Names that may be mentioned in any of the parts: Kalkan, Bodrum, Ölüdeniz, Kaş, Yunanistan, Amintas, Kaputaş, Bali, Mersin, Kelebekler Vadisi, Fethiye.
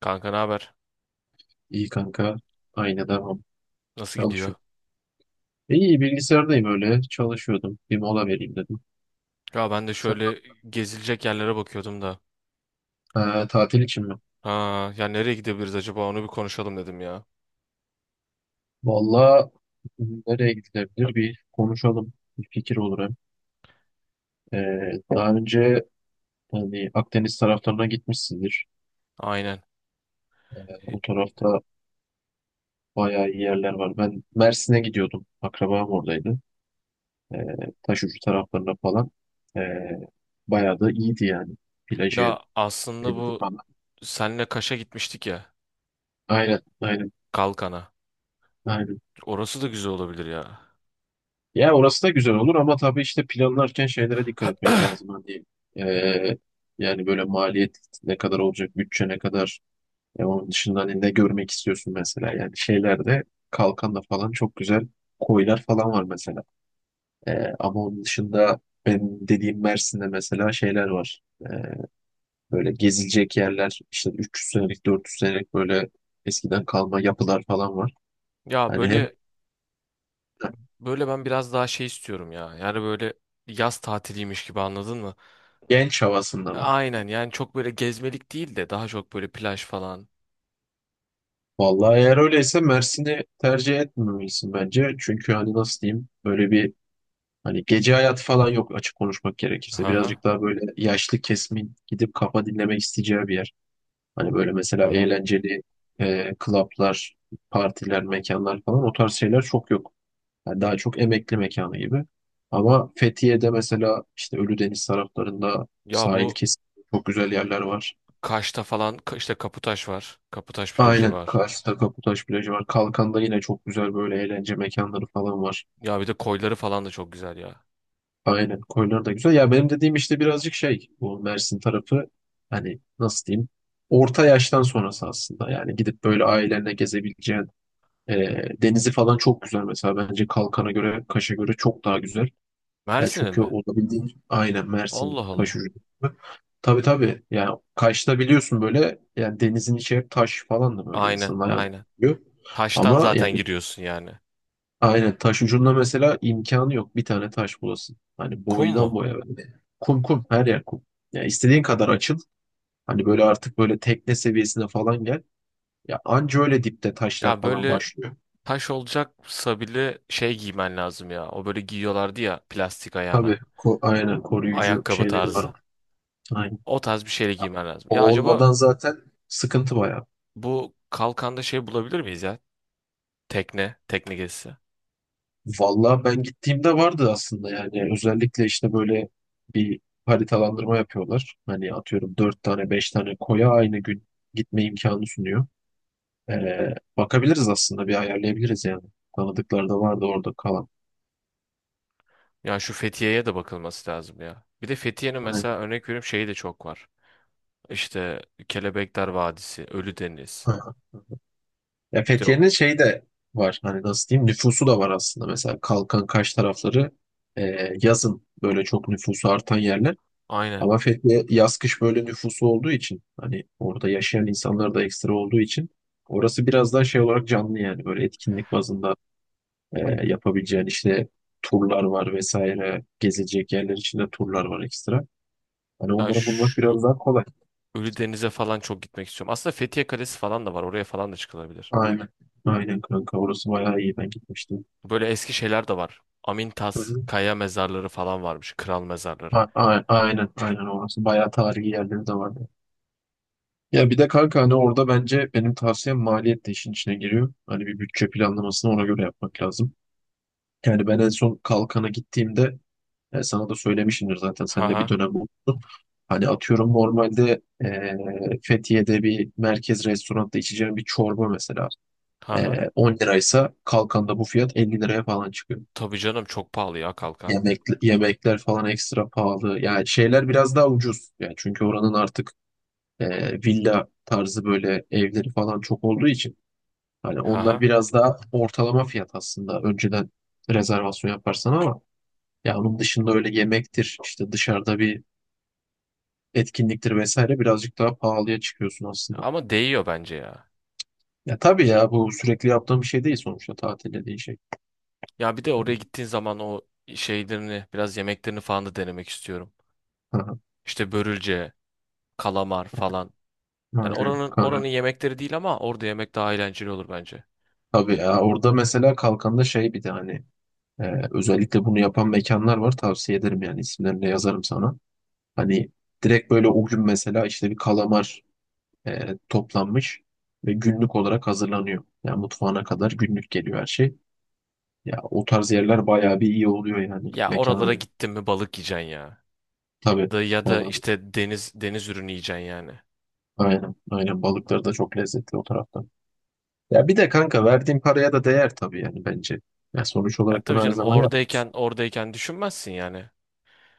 Kanka ne haber? İyi kanka. Aynı devam. Nasıl gidiyor? Çalışıyorum. İyi bilgisayardayım öyle. Çalışıyordum. Bir mola vereyim dedim. Ya ben de Sen şöyle gezilecek yerlere bakıyordum da. Tatil için mi? Ha, ya nereye gidebiliriz acaba? Onu bir konuşalım dedim ya. Valla nereye gidilebilir bir konuşalım. Bir fikir olur hem. Daha önce hani Akdeniz taraflarına gitmişsindir. Aynen. O tarafta bayağı iyi yerler var. Ben Mersin'e gidiyordum. Akrabam oradaydı. Ee, Taşucu taraflarına falan. Ee, bayağı da iyiydi yani. Plajı, Ya aslında denizi bu falan. senle Kaş'a gitmiştik ya. Aynen, aynen, Kalkan'a. aynen. Orası da güzel olabilir ya. Ya orası da güzel olur ama tabii işte planlarken şeylere dikkat etmek lazım. Hani eee, yani böyle maliyet ne kadar olacak, bütçe ne kadar. Onun dışında hani ne görmek istiyorsun mesela. Yani şeylerde Kalkan'da falan çok güzel koylar falan var mesela. Ama onun dışında ben dediğim Mersin'de mesela şeyler var. Böyle gezilecek yerler işte 300 senelik 400 senelik böyle eskiden kalma yapılar falan var. Ya Hani hem böyle böyle ben biraz daha şey istiyorum ya. Yani böyle yaz tatiliymiş gibi anladın mı? genç havasında. Ha, aynen yani çok böyle gezmelik değil de daha çok böyle plaj falan. Vallahi eğer öyleyse Mersin'i tercih etmemelisin bence. Çünkü hani nasıl diyeyim böyle bir hani gece hayatı falan yok açık konuşmak Hı gerekirse. hı. Birazcık daha böyle yaşlı kesimin gidip kafa dinlemek isteyeceği bir yer. Hani böyle Hı mesela hı. eğlenceli klaplar, partiler, mekanlar falan o tarz şeyler çok yok. Yani daha çok emekli mekanı gibi. Ama Fethiye'de mesela işte Ölüdeniz taraflarında Ya sahil bu kesim çok güzel yerler var. Kaş'ta falan işte Kaputaş var. Kaputaş plajı Aynen. var. Kars'ta Kaputaş plajı var. Kalkan'da yine çok güzel böyle eğlence mekanları falan var. Ya bir de koyları falan da çok güzel ya. Aynen. Koylar da güzel. Ya benim dediğim işte birazcık şey bu Mersin tarafı hani nasıl diyeyim orta yaştan sonrası aslında. Yani gidip böyle ailenle gezebileceğin e, denizi falan çok güzel mesela. Bence Kalkan'a göre Kaş'a göre çok daha güzel. Yani Mersin'in çünkü mi? olabildiğin aynen Mersin Allah Kaş Allah. ucu. Tabii, tabii. Yani Kaş'ta biliyorsun böyle yani denizin içi hep taş falan da böyle Aynen, insanın ayağına aynen. gidiyor. Taştan Ama yani. zaten giriyorsun yani. Aynen taş ucunda mesela imkanı yok bir tane taş bulasın. Hani Kum boydan mu? boya böyle. Kum kum her yer kum. Ya istediğin kadar açıl. Hani böyle artık böyle tekne seviyesine falan gel. Ya anca öyle dipte taşlar Ya falan böyle başlıyor. taş olacaksa bile şey giymen lazım ya. O böyle giyiyorlardı ya plastik Tabii ayağına. Aynen koruyucu Ayakkabı şeyleri tarzı. var. Aynen. O tarz bir şeyle Ya, giymen lazım. O Ya acaba olmadan zaten sıkıntı bayağı. bu kalkanda şey bulabilir miyiz ya? Tekne, tekne gezisi. Vallahi ben gittiğimde vardı aslında yani özellikle işte böyle bir haritalandırma yapıyorlar. Hani atıyorum dört tane beş tane koya aynı gün gitme imkanı sunuyor. Bakabiliriz aslında bir ayarlayabiliriz yani. Tanıdıkları da vardı orada kalan. Ya şu Fethiye'ye de bakılması lazım ya. Bir de Fethiye'nin Aynen. mesela örnek veriyorum şeyi de çok var. İşte Kelebekler Vadisi, Ölüdeniz. Aha. Ya İşte Fethiye'nin şeyi de var hani nasıl diyeyim nüfusu da var aslında mesela Kalkan Kaş tarafları yazın böyle çok nüfusu artan yerler. aynen. Ama Fethiye yaz kış böyle nüfusu olduğu için hani orada yaşayan insanlar da ekstra olduğu için orası biraz daha şey olarak canlı yani böyle etkinlik bazında yapabileceğin işte turlar var vesaire gezecek yerler içinde turlar var ekstra. Hani Ya onları bulmak biraz şu daha kolay. Ölüdeniz'e falan çok gitmek istiyorum. Aslında Fethiye Kalesi falan da var. Oraya falan da çıkılabilir. Aynen. Aynen kanka orası bayağı iyi ben gitmiştim. Böyle eski şeyler de var. Hı Amintas, hı. kaya mezarları falan varmış. Kral A- mezarları. a- aynen aynen orası bayağı tarihi yerleri de vardı. Ya bir de kanka hani orada bence benim tavsiyem maliyet de işin içine giriyor. Hani bir bütçe planlamasını ona göre yapmak lazım. Yani ben en son Kalkan'a gittiğimde sana da söylemişimdir zaten sen de bir Haha. dönem bulundun. Hani atıyorum normalde Fethiye'de bir merkez restoranda içeceğim bir çorba mesela Haha. 10 liraysa Kalkan'da bu fiyat 50 liraya falan çıkıyor. Tabii canım çok pahalı ya kalkan. Yemek, yemekler falan ekstra pahalı. Yani şeyler biraz daha ucuz. Yani çünkü oranın artık villa tarzı böyle evleri falan çok olduğu için hani onlar Haha. biraz daha ortalama fiyat aslında. Önceden rezervasyon yaparsan ama ya onun dışında öyle yemektir, işte dışarıda bir etkinliktir vesaire birazcık daha pahalıya çıkıyorsun aslında. Ama değiyor bence ya. Ya tabii ya bu sürekli yaptığım bir şey değil sonuçta tatil dediğin şey. Ya bir de oraya Yani, gittiğin zaman o şeylerini, biraz yemeklerini falan da denemek istiyorum. aha, İşte börülce, kalamar falan. Yani aynen oranın kanka. oranın yemekleri değil ama orada yemek daha eğlenceli olur bence. Tabii ya orada mesela kalkanda şey bir de hani özellikle bunu yapan mekanlar var. Tavsiye ederim yani isimlerini de yazarım sana. Hani direkt böyle o gün mesela işte bir kalamar toplanmış ve günlük olarak hazırlanıyor. Yani mutfağına kadar günlük geliyor her şey. Ya o tarz yerler bayağı bir iyi oluyor yani Ya mekan oralara önü. gittin mi balık yiyeceksin ya. Tabii Da ya da balık. işte deniz ürünü yiyeceksin yani. Aynen, aynen balıkları da çok lezzetli o taraftan. Ya bir de kanka verdiğin paraya da değer tabii yani bence. Ya sonuç Ya olarak tabii bunu her canım zaman yap. oradayken düşünmezsin yani.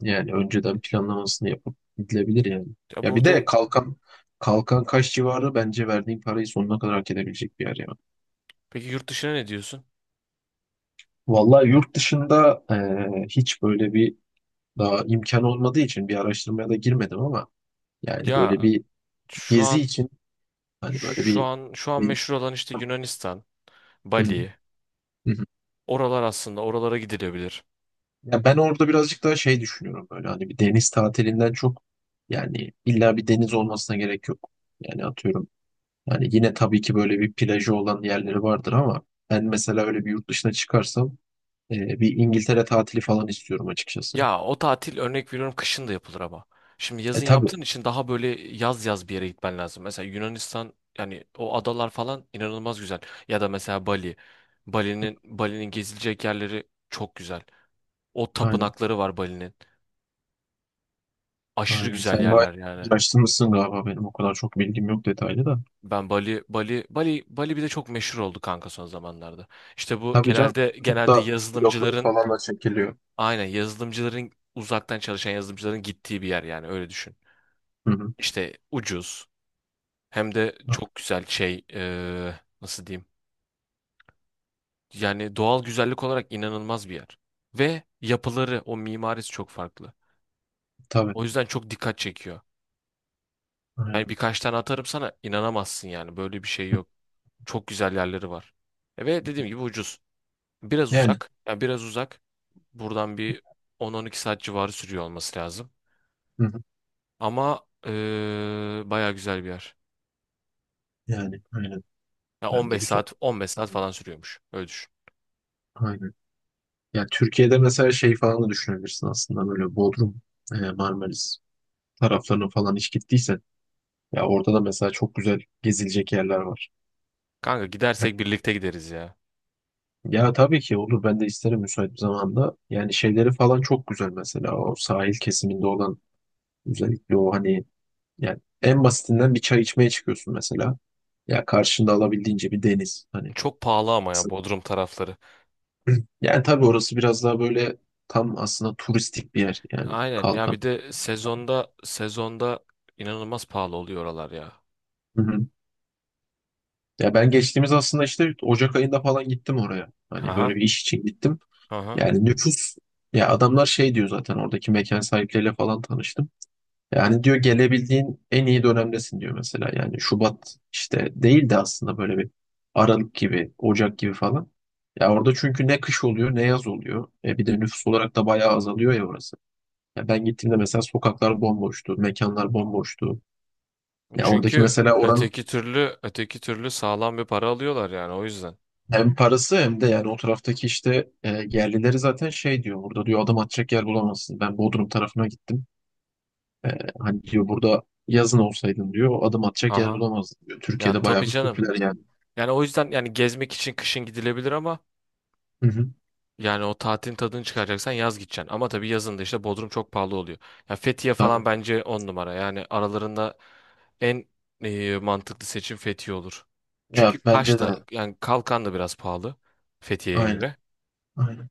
Yani önceden planlamasını yapıp gidilebilir yani. Ya Ya bir burada de Kalkan Kaş civarı bence verdiğin parayı sonuna kadar hak edebilecek bir yer ya. peki yurt dışına ne diyorsun? Vallahi yurt dışında hiç böyle bir daha imkan olmadığı için bir araştırmaya da girmedim ama yani böyle Ya bir şu gezi an için hani böyle şu bir, an şu an bir- meşhur olan işte Yunanistan, Hı, Bali. hı hı. Oralar aslında oralara gidilebilir. Ya ben orada birazcık daha şey düşünüyorum böyle hani bir deniz tatilinden çok yani illa bir deniz olmasına gerek yok. Yani atıyorum. Hani yine tabii ki böyle bir plajı olan yerleri vardır ama ben mesela öyle bir yurt dışına çıkarsam e, bir İngiltere tatili falan istiyorum açıkçası. Ya o tatil örnek veriyorum kışın da yapılır ama. Şimdi E yazın tabii. yaptığın için daha böyle yaz bir yere gitmen lazım. Mesela Yunanistan yani o adalar falan inanılmaz güzel. Ya da mesela Bali. Bali'nin gezilecek yerleri çok güzel. O Aynen. tapınakları var Bali'nin. Aşırı Aynen. güzel Sen bayağı yerler yani. araştırmışsın galiba benim o kadar çok bilgim yok detaylı da. Ben Bali bir de çok meşhur oldu kanka son zamanlarda. İşte bu Tabii canım. Genelde Tıpta bloglar yazılımcıların falan da çekiliyor. aynen yazılımcıların uzaktan çalışan yazılımcıların gittiği bir yer yani öyle düşün. Hı hı. İşte ucuz hem de Ha, çok güzel şey nasıl diyeyim? Yani doğal güzellik olarak inanılmaz bir yer. Ve yapıları o mimarisi çok farklı. tabii. O yüzden çok dikkat çekiyor. Yani Aynen. birkaç tane atarım sana inanamazsın yani böyle bir şey Hı. yok. Çok güzel yerleri var. E ve dediğim gibi ucuz. Biraz Yani. uzak. Yani biraz uzak. Buradan bir on-on iki saat civarı sürüyor olması lazım. Hı hı. Ama baya güzel bir yer. Yani. Aynen. Ya Ben de 15 güzel. saat 15 saat falan sürüyormuş. Öyle düşün. Aynen. Ya Türkiye'de mesela şey falan da düşünebilirsin aslında böyle Bodrum, Marmaris taraflarına falan hiç gittiysen. Ya orada da mesela çok güzel gezilecek yerler var. Kanka gidersek birlikte gideriz ya. Ya tabii ki olur. Ben de isterim müsait bir zamanda. Yani şeyleri falan çok güzel mesela. O sahil kesiminde olan özellikle o hani yani en basitinden bir çay içmeye çıkıyorsun mesela. Ya karşında alabildiğince bir deniz. Hani Çok pahalı ama ya Bodrum tarafları. yani tabii orası biraz daha böyle tam aslında turistik bir yer. Yani Aynen ya kalkan. bir de sezonda inanılmaz pahalı oluyor oralar ya. Hı hı. Ya ben geçtiğimiz aslında işte Ocak ayında falan gittim oraya. Hani böyle Aha, bir iş için gittim. aha. Yani nüfus. Ya adamlar şey diyor zaten oradaki mekan sahipleriyle falan tanıştım. Yani diyor gelebildiğin en iyi dönemdesin diyor mesela. Yani Şubat işte değil de aslında böyle bir Aralık gibi, Ocak gibi falan. Ya orada çünkü ne kış oluyor ne yaz oluyor. Bir de nüfus olarak da bayağı azalıyor ya orası. Ya ben gittiğimde mesela sokaklar bomboştu, mekanlar bomboştu. Ya oradaki Çünkü mesela oranın. Öteki türlü sağlam bir para alıyorlar yani o yüzden. Hem parası hem de yani o taraftaki işte yerlileri zaten şey diyor burada diyor adam atacak yer bulamazsın. Ben Bodrum tarafına gittim. E, hani diyor burada yazın olsaydın diyor adam atacak yer Aha. bulamazdın diyor. Ya Türkiye'de bayağı tabii bir canım. popüler yani. Yani o yüzden yani gezmek için kışın gidilebilir ama Hı hı. yani o tatilin tadını çıkaracaksan yaz gideceksin. Ama tabii yazın da işte Bodrum çok pahalı oluyor. Ya Fethiye falan Tabii. bence on numara. Yani aralarında en mantıklı seçim Fethiye olur. Ya Çünkü bence Kaş de da yani Kalkan da biraz pahalı Fethiye'ye aynen. göre. Aynen.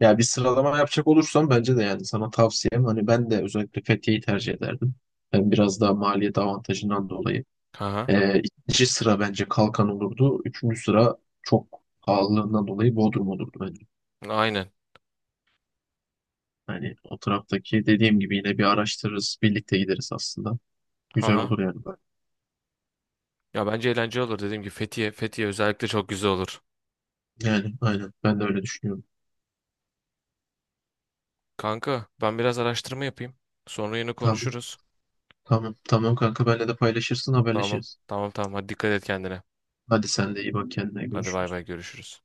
Ya bir sıralama yapacak olursam bence de yani sana tavsiyem hani ben de özellikle Fethiye'yi tercih ederdim. Yani biraz daha maliyet avantajından dolayı. Aha, E, ikinci sıra bence Kalkan olurdu. Üçüncü sıra çok pahalılığından dolayı Bodrum olurdu. aynen. Hani o taraftaki dediğim gibi yine bir araştırırız. Birlikte gideriz aslında. Güzel Aha. olur yani. Ya bence eğlenceli olur dediğim gibi Fethiye özellikle çok güzel olur. Yani aynen ben de öyle düşünüyorum. Kanka ben biraz araştırma yapayım. Sonra yine Tamam, konuşuruz. tamam, tamam kanka benle de paylaşırsın Tamam. haberleşiriz. Tamam, hadi dikkat et kendine. Hadi sen de iyi bak kendine Hadi bay görüşürüz. bay görüşürüz.